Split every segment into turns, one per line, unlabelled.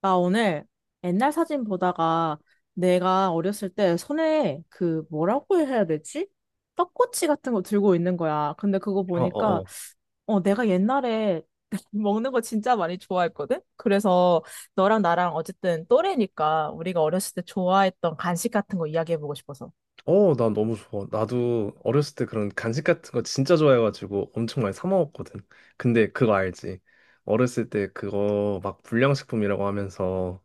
나 오늘 옛날 사진 보다가 내가 어렸을 때 손에 그 뭐라고 해야 되지? 떡꼬치 같은 거 들고 있는 거야. 근데 그거
어, 어,
보니까
어.
어 내가 옛날에 먹는 거 진짜 많이 좋아했거든? 그래서 너랑 나랑 어쨌든 또래니까 우리가 어렸을 때 좋아했던 간식 같은 거 이야기해보고 싶어서.
어, 난 너무 좋아. 나도 어렸을 때 그런 간식 같은 거 진짜 좋아해가지고 엄청 많이 사 먹었거든. 근데 그거 알지? 어렸을 때 그거 막 불량식품이라고 하면서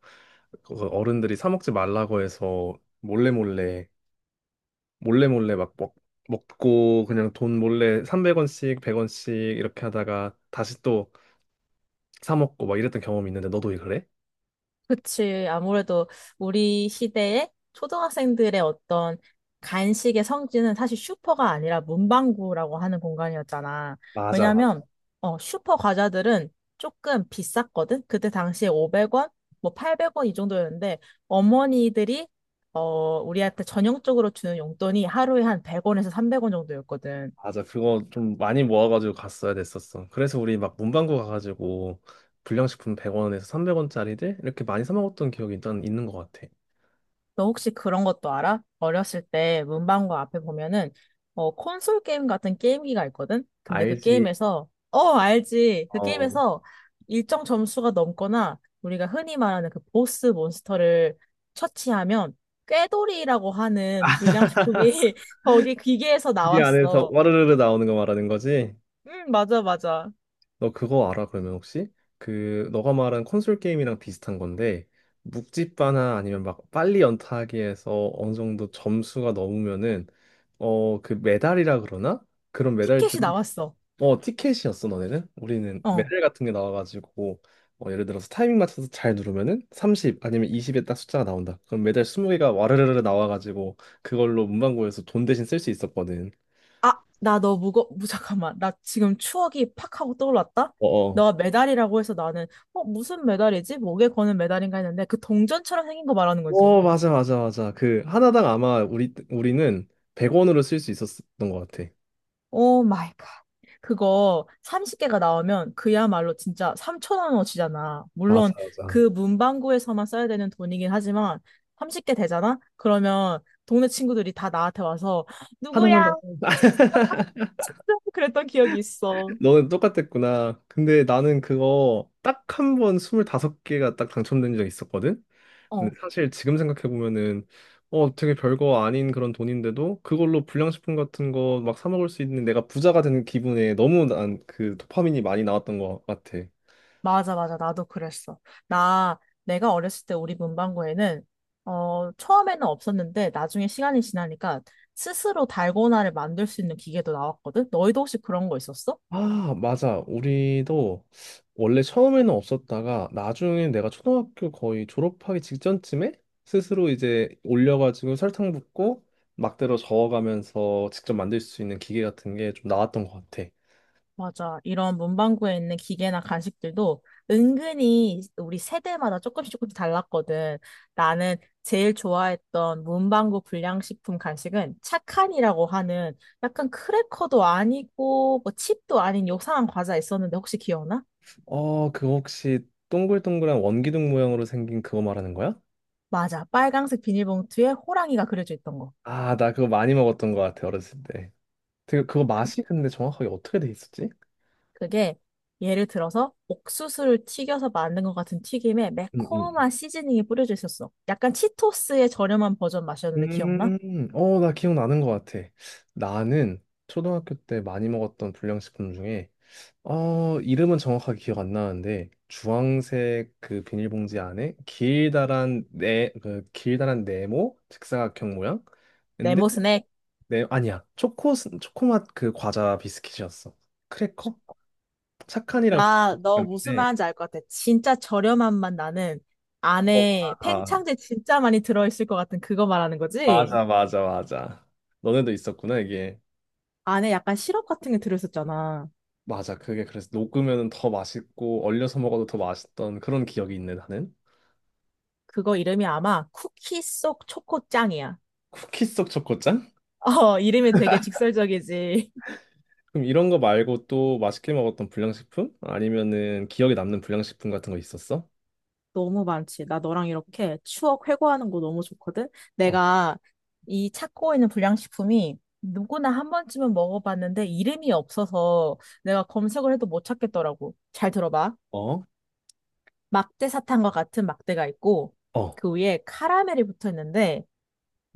그거 어른들이 사 먹지 말라고 해서 몰래 몰래 몰래 몰래 막 먹고 그냥 돈 몰래 300원씩 100원씩 이렇게 하다가 다시 또 사 먹고 막 이랬던 경험이 있는데 너도 그래?
그치. 아무래도 우리 시대에 초등학생들의 어떤 간식의 성지는 사실 슈퍼가 아니라 문방구라고 하는 공간이었잖아.
맞아,
왜냐면,
맞아.
어, 슈퍼 과자들은 조금 비쌌거든? 그때 당시에 500원, 뭐 800원 이 정도였는데, 어머니들이, 어, 우리한테 전형적으로 주는 용돈이 하루에 한 100원에서 300원 정도였거든.
맞아. 그거 좀 많이 모아가지고 갔어야 됐었어. 그래서 우리 막 문방구 가가지고 불량식품 100원에서 300원짜리들 이렇게 많이 사 먹었던 기억이 일단 있는 것 같아.
너 혹시 그런 것도 알아? 어렸을 때 문방구 앞에 보면은 어 콘솔 게임 같은 게임기가 있거든? 근데 그
알지?
게임에서 어 알지. 그
어,
게임에서 일정 점수가 넘거나 우리가 흔히 말하는 그 보스 몬스터를 처치하면 꾀돌이라고 하는 불량식품이 거기 기계에서
t 안에서
나왔어.
와르르르 나오는 거 말하는 거지?
응, 맞아, 맞아.
너 그거 알아, 그러면 혹시? 그, 너가 말한 콘솔 게임이랑 비슷한 건데, 묵찌빠나 아니면 막 빨리 연타하기 에서 어느 정도 점수가 넘으면은, 어, 그 메달이라 그러나? 그런
티켓이
메달들이
나왔어.
어, 티켓이었어, 너네는? 우리는
어.
메달 같은 게 나와가지고, 예를 들어서 타이밍 맞춰서 잘 누르면은 30 아니면 20에 딱 숫자가 나온다. 그럼 메달 20개가 와르르르 나와가지고, 그걸로 문방구에서 돈 대신 쓸 수 있었거든.
아, 나 잠깐만. 나 지금 추억이 팍 하고 떠올랐다?
어어.
너가 메달이라고 해서 나는, 어, 무슨 메달이지? 목에 거는 메달인가 했는데, 그 동전처럼 생긴 거 말하는 거지.
어, 어, 맞아, 맞아, 맞아. 그, 하나당 아마 우리는 100원으로 쓸 수 있었던 것 같아.
오 마이 갓. 그거 30개가 나오면 그야말로 진짜 3천 원어치잖아.
맞아,
물론
맞아.
그 문방구에서만 써야 되는 돈이긴 하지만, 30개 되잖아? 그러면 동네 친구들이 다 나한테 와서, 누구야?
하나만 더.
어, 나 30원 그랬던 기억이 있어.
너는 똑같았구나. 근데 나는 그거 딱 한 번 25개가 딱 당첨된 적 있었거든? 근데
어.
사실 지금 생각해 보면은 되게 별거 아닌 그런 돈인데도 그걸로 불량식품 같은 거 막 사 먹을 수 있는 내가 부자가 되는 기분에 너무 난 그 도파민이 많이 나왔던 것 같아.
맞아, 맞아. 나도 그랬어. 나, 내가 어렸을 때 우리 문방구에는, 어, 처음에는 없었는데, 나중에 시간이 지나니까 스스로 달고나를 만들 수 있는 기계도 나왔거든? 너희도 혹시 그런 거 있었어?
아, 맞아. 우리도 원래 처음에는 없었다가 나중에 내가 초등학교 거의 졸업하기 직전쯤에 스스로 이제 올려가지고 설탕 붓고 막대로 저어가면서 직접 만들 수 있는 기계 같은 게 좀 나왔던 것 같아.
맞아. 이런 문방구에 있는 기계나 간식들도 은근히 우리 세대마다 조금씩 조금씩 달랐거든. 나는 제일 좋아했던 문방구 불량식품 간식은 착한이라고 하는 약간 크래커도 아니고 뭐 칩도 아닌 요상한 과자 있었는데 혹시 기억나?
어, 그거 혹시 동글동글한 원기둥 모양으로 생긴 그거 말하는 거야?
맞아. 빨강색 비닐봉투에 호랑이가 그려져 있던 거.
아, 나 그거 많이 먹었던 것 같아, 어렸을 때. 되게 그거 맛이 근데 정확하게 어떻게 돼 있었지?
그게 예를 들어서 옥수수를 튀겨서 만든 것 같은 튀김에
음,
매콤한
음.
시즈닝이 뿌려져 있었어. 약간 치토스의 저렴한 버전 맛이었는데 기억나?
나 기억나는 것 같아. 나는 초등학교 때 많이 먹었던 불량식품 중에, 이름은 정확하게 기억 안 나는데, 주황색 그 비닐봉지 안에 그 길다란 네모, 직사각형 모양? 근데,
네모 스낵.
네, 아니야. 초코맛 그 과자 비스킷이었어. 크래커? 착한이랑
나, 너 무슨
비슷한데,
말인지 알 것 같아. 진짜 저렴한 맛 나는 안에 팽창제 진짜 많이 들어있을 것 같은 그거 말하는 거지?
맞아, 맞아, 맞아. 너네도 있었구나, 이게.
안에 약간 시럽 같은 게 들어있었잖아.
맞아, 그게 그래서 녹으면 더 맛있고 얼려서 먹어도 더 맛있던 그런 기억이 있네, 나는.
그거 이름이 아마 쿠키 속 초코짱이야.
쿠키 속 초코짠?
어, 이름이 되게 직설적이지.
그럼 이런 거 말고 또 맛있게 먹었던 불량식품? 아니면은 기억에 남는 불량식품 같은 거 있었어?
너무 많지. 나 너랑 이렇게 추억 회고하는 거 너무 좋거든?
어,
내가 이 찾고 있는 불량식품이 누구나 한 번쯤은 먹어봤는데 이름이 없어서 내가 검색을 해도 못 찾겠더라고. 잘 들어봐.
어,
막대 사탕과 같은 막대가 있고
어.
그 위에 카라멜이 붙어 있는데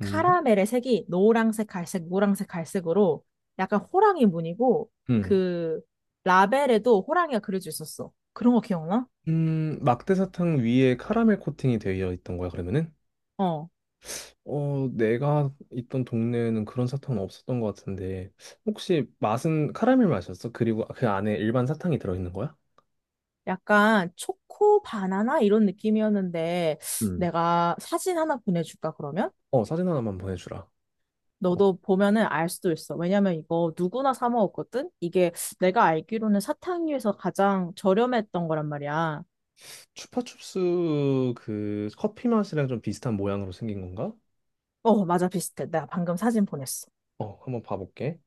음,
색이 노란색, 갈색, 노란색, 갈색으로 약간 호랑이 무늬고
음.
그 라벨에도 호랑이가 그려져 있었어. 그런 거 기억나?
막대 사탕 위에 카라멜 코팅이 되어 있던 거야, 그러면은?
어.
어, 내가 있던 동네에는 그런 사탕은 없었던 것 같은데, 혹시 맛은 카라멜 맛이었어? 그리고 그 안에 일반 사탕이 들어있는 거야?
약간 초코 바나나 이런 느낌이었는데
음.
내가 사진 하나 보내줄까 그러면?
어, 사진 하나만 보내주라. 어,
너도 보면은 알 수도 있어. 왜냐면 이거 누구나 사 먹었거든? 이게 내가 알기로는 사탕류에서 가장 저렴했던 거란 말이야.
추파춥스 그 커피 맛이랑 좀 비슷한 모양으로 생긴 건가?
어, 맞아, 비슷해. 내가 방금 사진 보냈어.
어, 한번 봐볼게.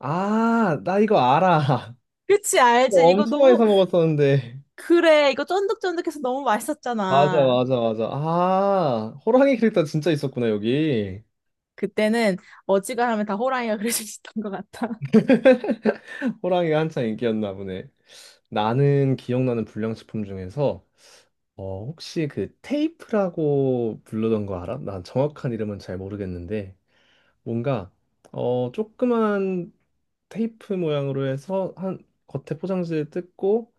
아, 나 이거 알아.
그치,
어,
알지? 이거
엄청 많이
너무,
사 먹었었는데.
그래. 이거 쫀득쫀득해서 너무
맞아,
맛있었잖아.
맞아, 맞아. 아, 호랑이 캐릭터 진짜 있었구나, 여기.
그때는 어지간하면 다 호랑이가 그려수 있었던 것 같아.
호랑이가 한창 인기였나 보네. 나는 기억나는 불량식품 중에서 혹시 그 테이프라고 부르던 거 알아? 난 정확한 이름은 잘 모르겠는데 뭔가 조그만 테이프 모양으로 해서 한 겉에 포장지를 뜯고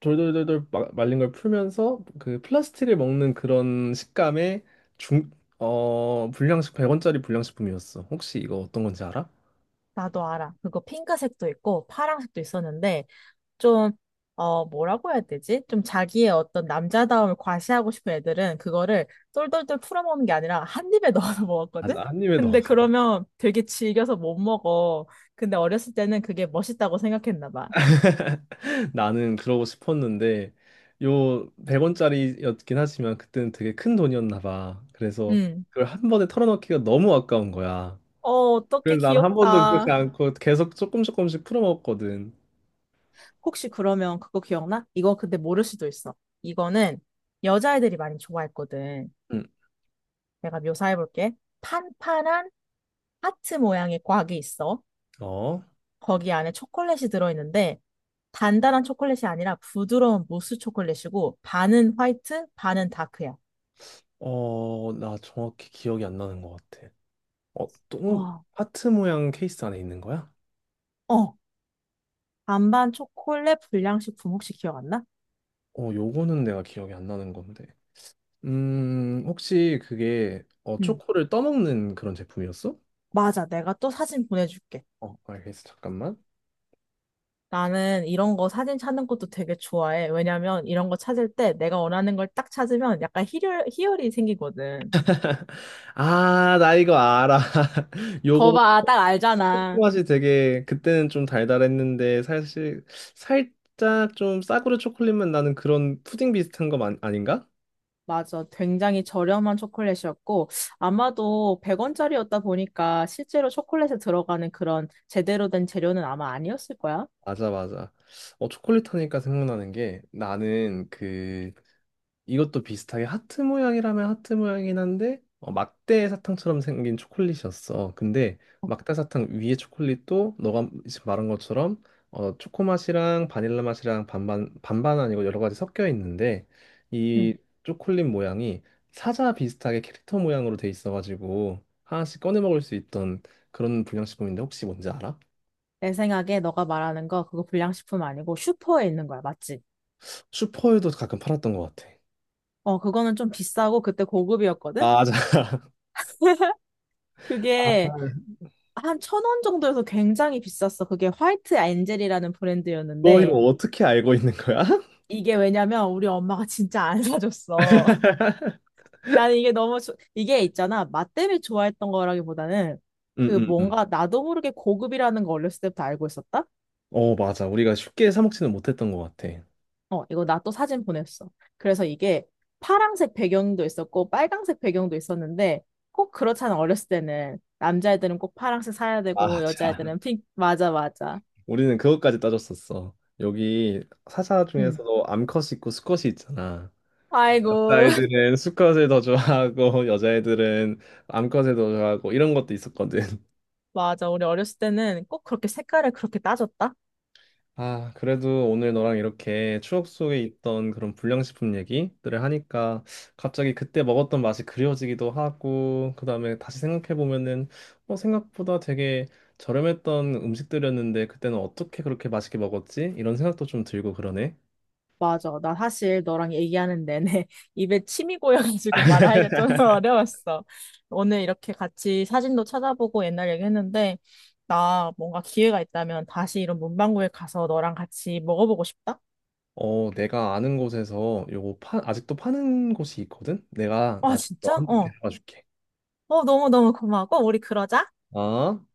돌돌돌돌 말린 걸 풀면서 그 플라스틱을 먹는 그런 식감의 중, 어, 불량식 100원짜리 불량식품이었어. 혹시 이거 어떤 건지 알아?
나도 알아. 그거 핑크색도 있고 파랑색도 있었는데 좀, 어, 뭐라고 해야 되지? 좀 자기의 어떤 남자다움을 과시하고 싶은 애들은 그거를 똘똘똘 풀어먹는 게 아니라 한 입에 넣어서
아,
먹었거든?
아님에도.
근데 그러면 되게 질겨서 못 먹어. 근데 어렸을 때는 그게 멋있다고 생각했나 봐.
나는 그러고 싶었는데 요 100원짜리였긴 하지만 그때는 되게 큰 돈이었나 봐. 그래서
음.
그걸 한 번에 털어넣기가 너무 아까운 거야.
어, 어떻게
그래서 난 한 번도 그렇지
귀엽다.
않고 계속 조금 조금씩 풀어먹었거든.
혹시 그러면 그거 기억나? 이거 근데 모를 수도 있어. 이거는 여자애들이 많이 좋아했거든.
응.
내가 묘사해볼게. 판판한 하트 모양의 곽이 있어.
어?
거기 안에 초콜릿이 들어있는데 단단한 초콜릿이 아니라 부드러운 무스 초콜릿이고 반은 화이트, 반은 다크야.
어, 나 정확히 기억이 안 나는 것 같아. 어, 똥
와.
하트 모양 케이스 안에 있는 거야?
어, 반반 초콜릿 불량식품 혹시 기억 안 나?
어, 요거는 내가 기억이 안 나는 건데. 혹시 그게
응.
초코를 떠먹는 그런 제품이었어?
맞아. 내가 또 사진 보내줄게.
어, 알겠어. 잠깐만.
나는 이런 거 사진 찾는 것도 되게 좋아해. 왜냐면 이런 거 찾을 때 내가 원하는 걸 딱 찾으면 약간 희열이 생기거든.
아, 나 이거 알아.
거
요거
봐, 딱 알잖아.
초코맛이 되게 그때는 좀 달달했는데 사실 살짝 좀 싸구려 초콜릿만 나는 그런 푸딩 비슷한 거 아닌가?
맞아. 굉장히 저렴한 초콜릿이었고, 아마도 100원짜리였다 보니까 실제로 초콜릿에 들어가는 그런 제대로 된 재료는 아마 아니었을 거야.
맞아 맞아. 초콜릿 하니까 생각나는 게 나는 그 이것도 비슷하게 하트 모양이라면 하트 모양이긴 한데 막대 사탕처럼 생긴 초콜릿이었어. 근데 막대 사탕 위에 초콜릿도 너가 지금 말한 것처럼 초코 맛이랑 바닐라 맛이랑 반반 반반 아니고 여러 가지 섞여 있는데
응.
이 초콜릿 모양이 사자 비슷하게 캐릭터 모양으로 돼 있어가지고 하나씩 꺼내 먹을 수 있던 그런 불량식품인데 혹시 뭔지 알아?
내 생각에 너가 말하는 거 그거 불량식품 아니고 슈퍼에 있는 거야. 맞지?
슈퍼에도 가끔 팔았던 것 같아.
어, 그거는 좀 비싸고 그때 고급이었거든?
맞아.
그게 한 1,000원 정도여서 굉장히 비쌌어. 그게 화이트 엔젤이라는
너 이거
브랜드였는데,
어떻게 알고 있는 거야?
이게 왜냐면 우리 엄마가 진짜 안 사줬어. 나는 이게 너무, 이게 있잖아. 맛 때문에 좋아했던 거라기보다는 그
응응응.
뭔가 나도 모르게 고급이라는 거 어렸을 때부터 알고 있었다?
어, 맞아. 우리가 쉽게 사 먹지는 못했던 것 같아.
어, 이거 나 또 사진 보냈어. 그래서 이게 파란색 배경도 있었고 빨간색 배경도 있었는데, 꼭 그렇잖아. 어렸을 때는. 남자애들은 꼭 파란색 사야 되고,
아, 참.
여자애들은 맞아, 맞아.
우리는 그것까지 따졌었어. 여기 사자
응.
중에서도 암컷이 있고 수컷이 있잖아.
아이고.
남자애들은 수컷을 더 좋아하고 여자애들은 암컷을 더 좋아하고 이런 것도 있었거든.
맞아. 우리 어렸을 때는 꼭 그렇게 색깔을 그렇게 따졌다?
아, 그래도 오늘 너랑 이렇게 추억 속에 있던 그런 불량식품 얘기들을 하니까 갑자기 그때 먹었던 맛이 그리워지기도 하고, 그다음에 다시 생각해보면은, 생각보다 되게 저렴했던 음식들이었는데, 그때는 어떻게 그렇게 맛있게 먹었지? 이런 생각도 좀 들고 그러네.
맞아. 나 사실 너랑 얘기하는 내내 입에 침이 고여가지고 말하기가 좀 어려웠어. 오늘 이렇게 같이 사진도 찾아보고 옛날 얘기했는데, 나 뭔가 기회가 있다면 다시 이런 문방구에 가서 너랑 같이 먹어보고 싶다?
어, 내가 아는 곳에서 요거 아직도 파는 곳이 있거든? 내가
아,
나중에 너
진짜?
한번
어.
데려가 줄게.
어, 너무너무 고마워. 꼭 우리 그러자.
아?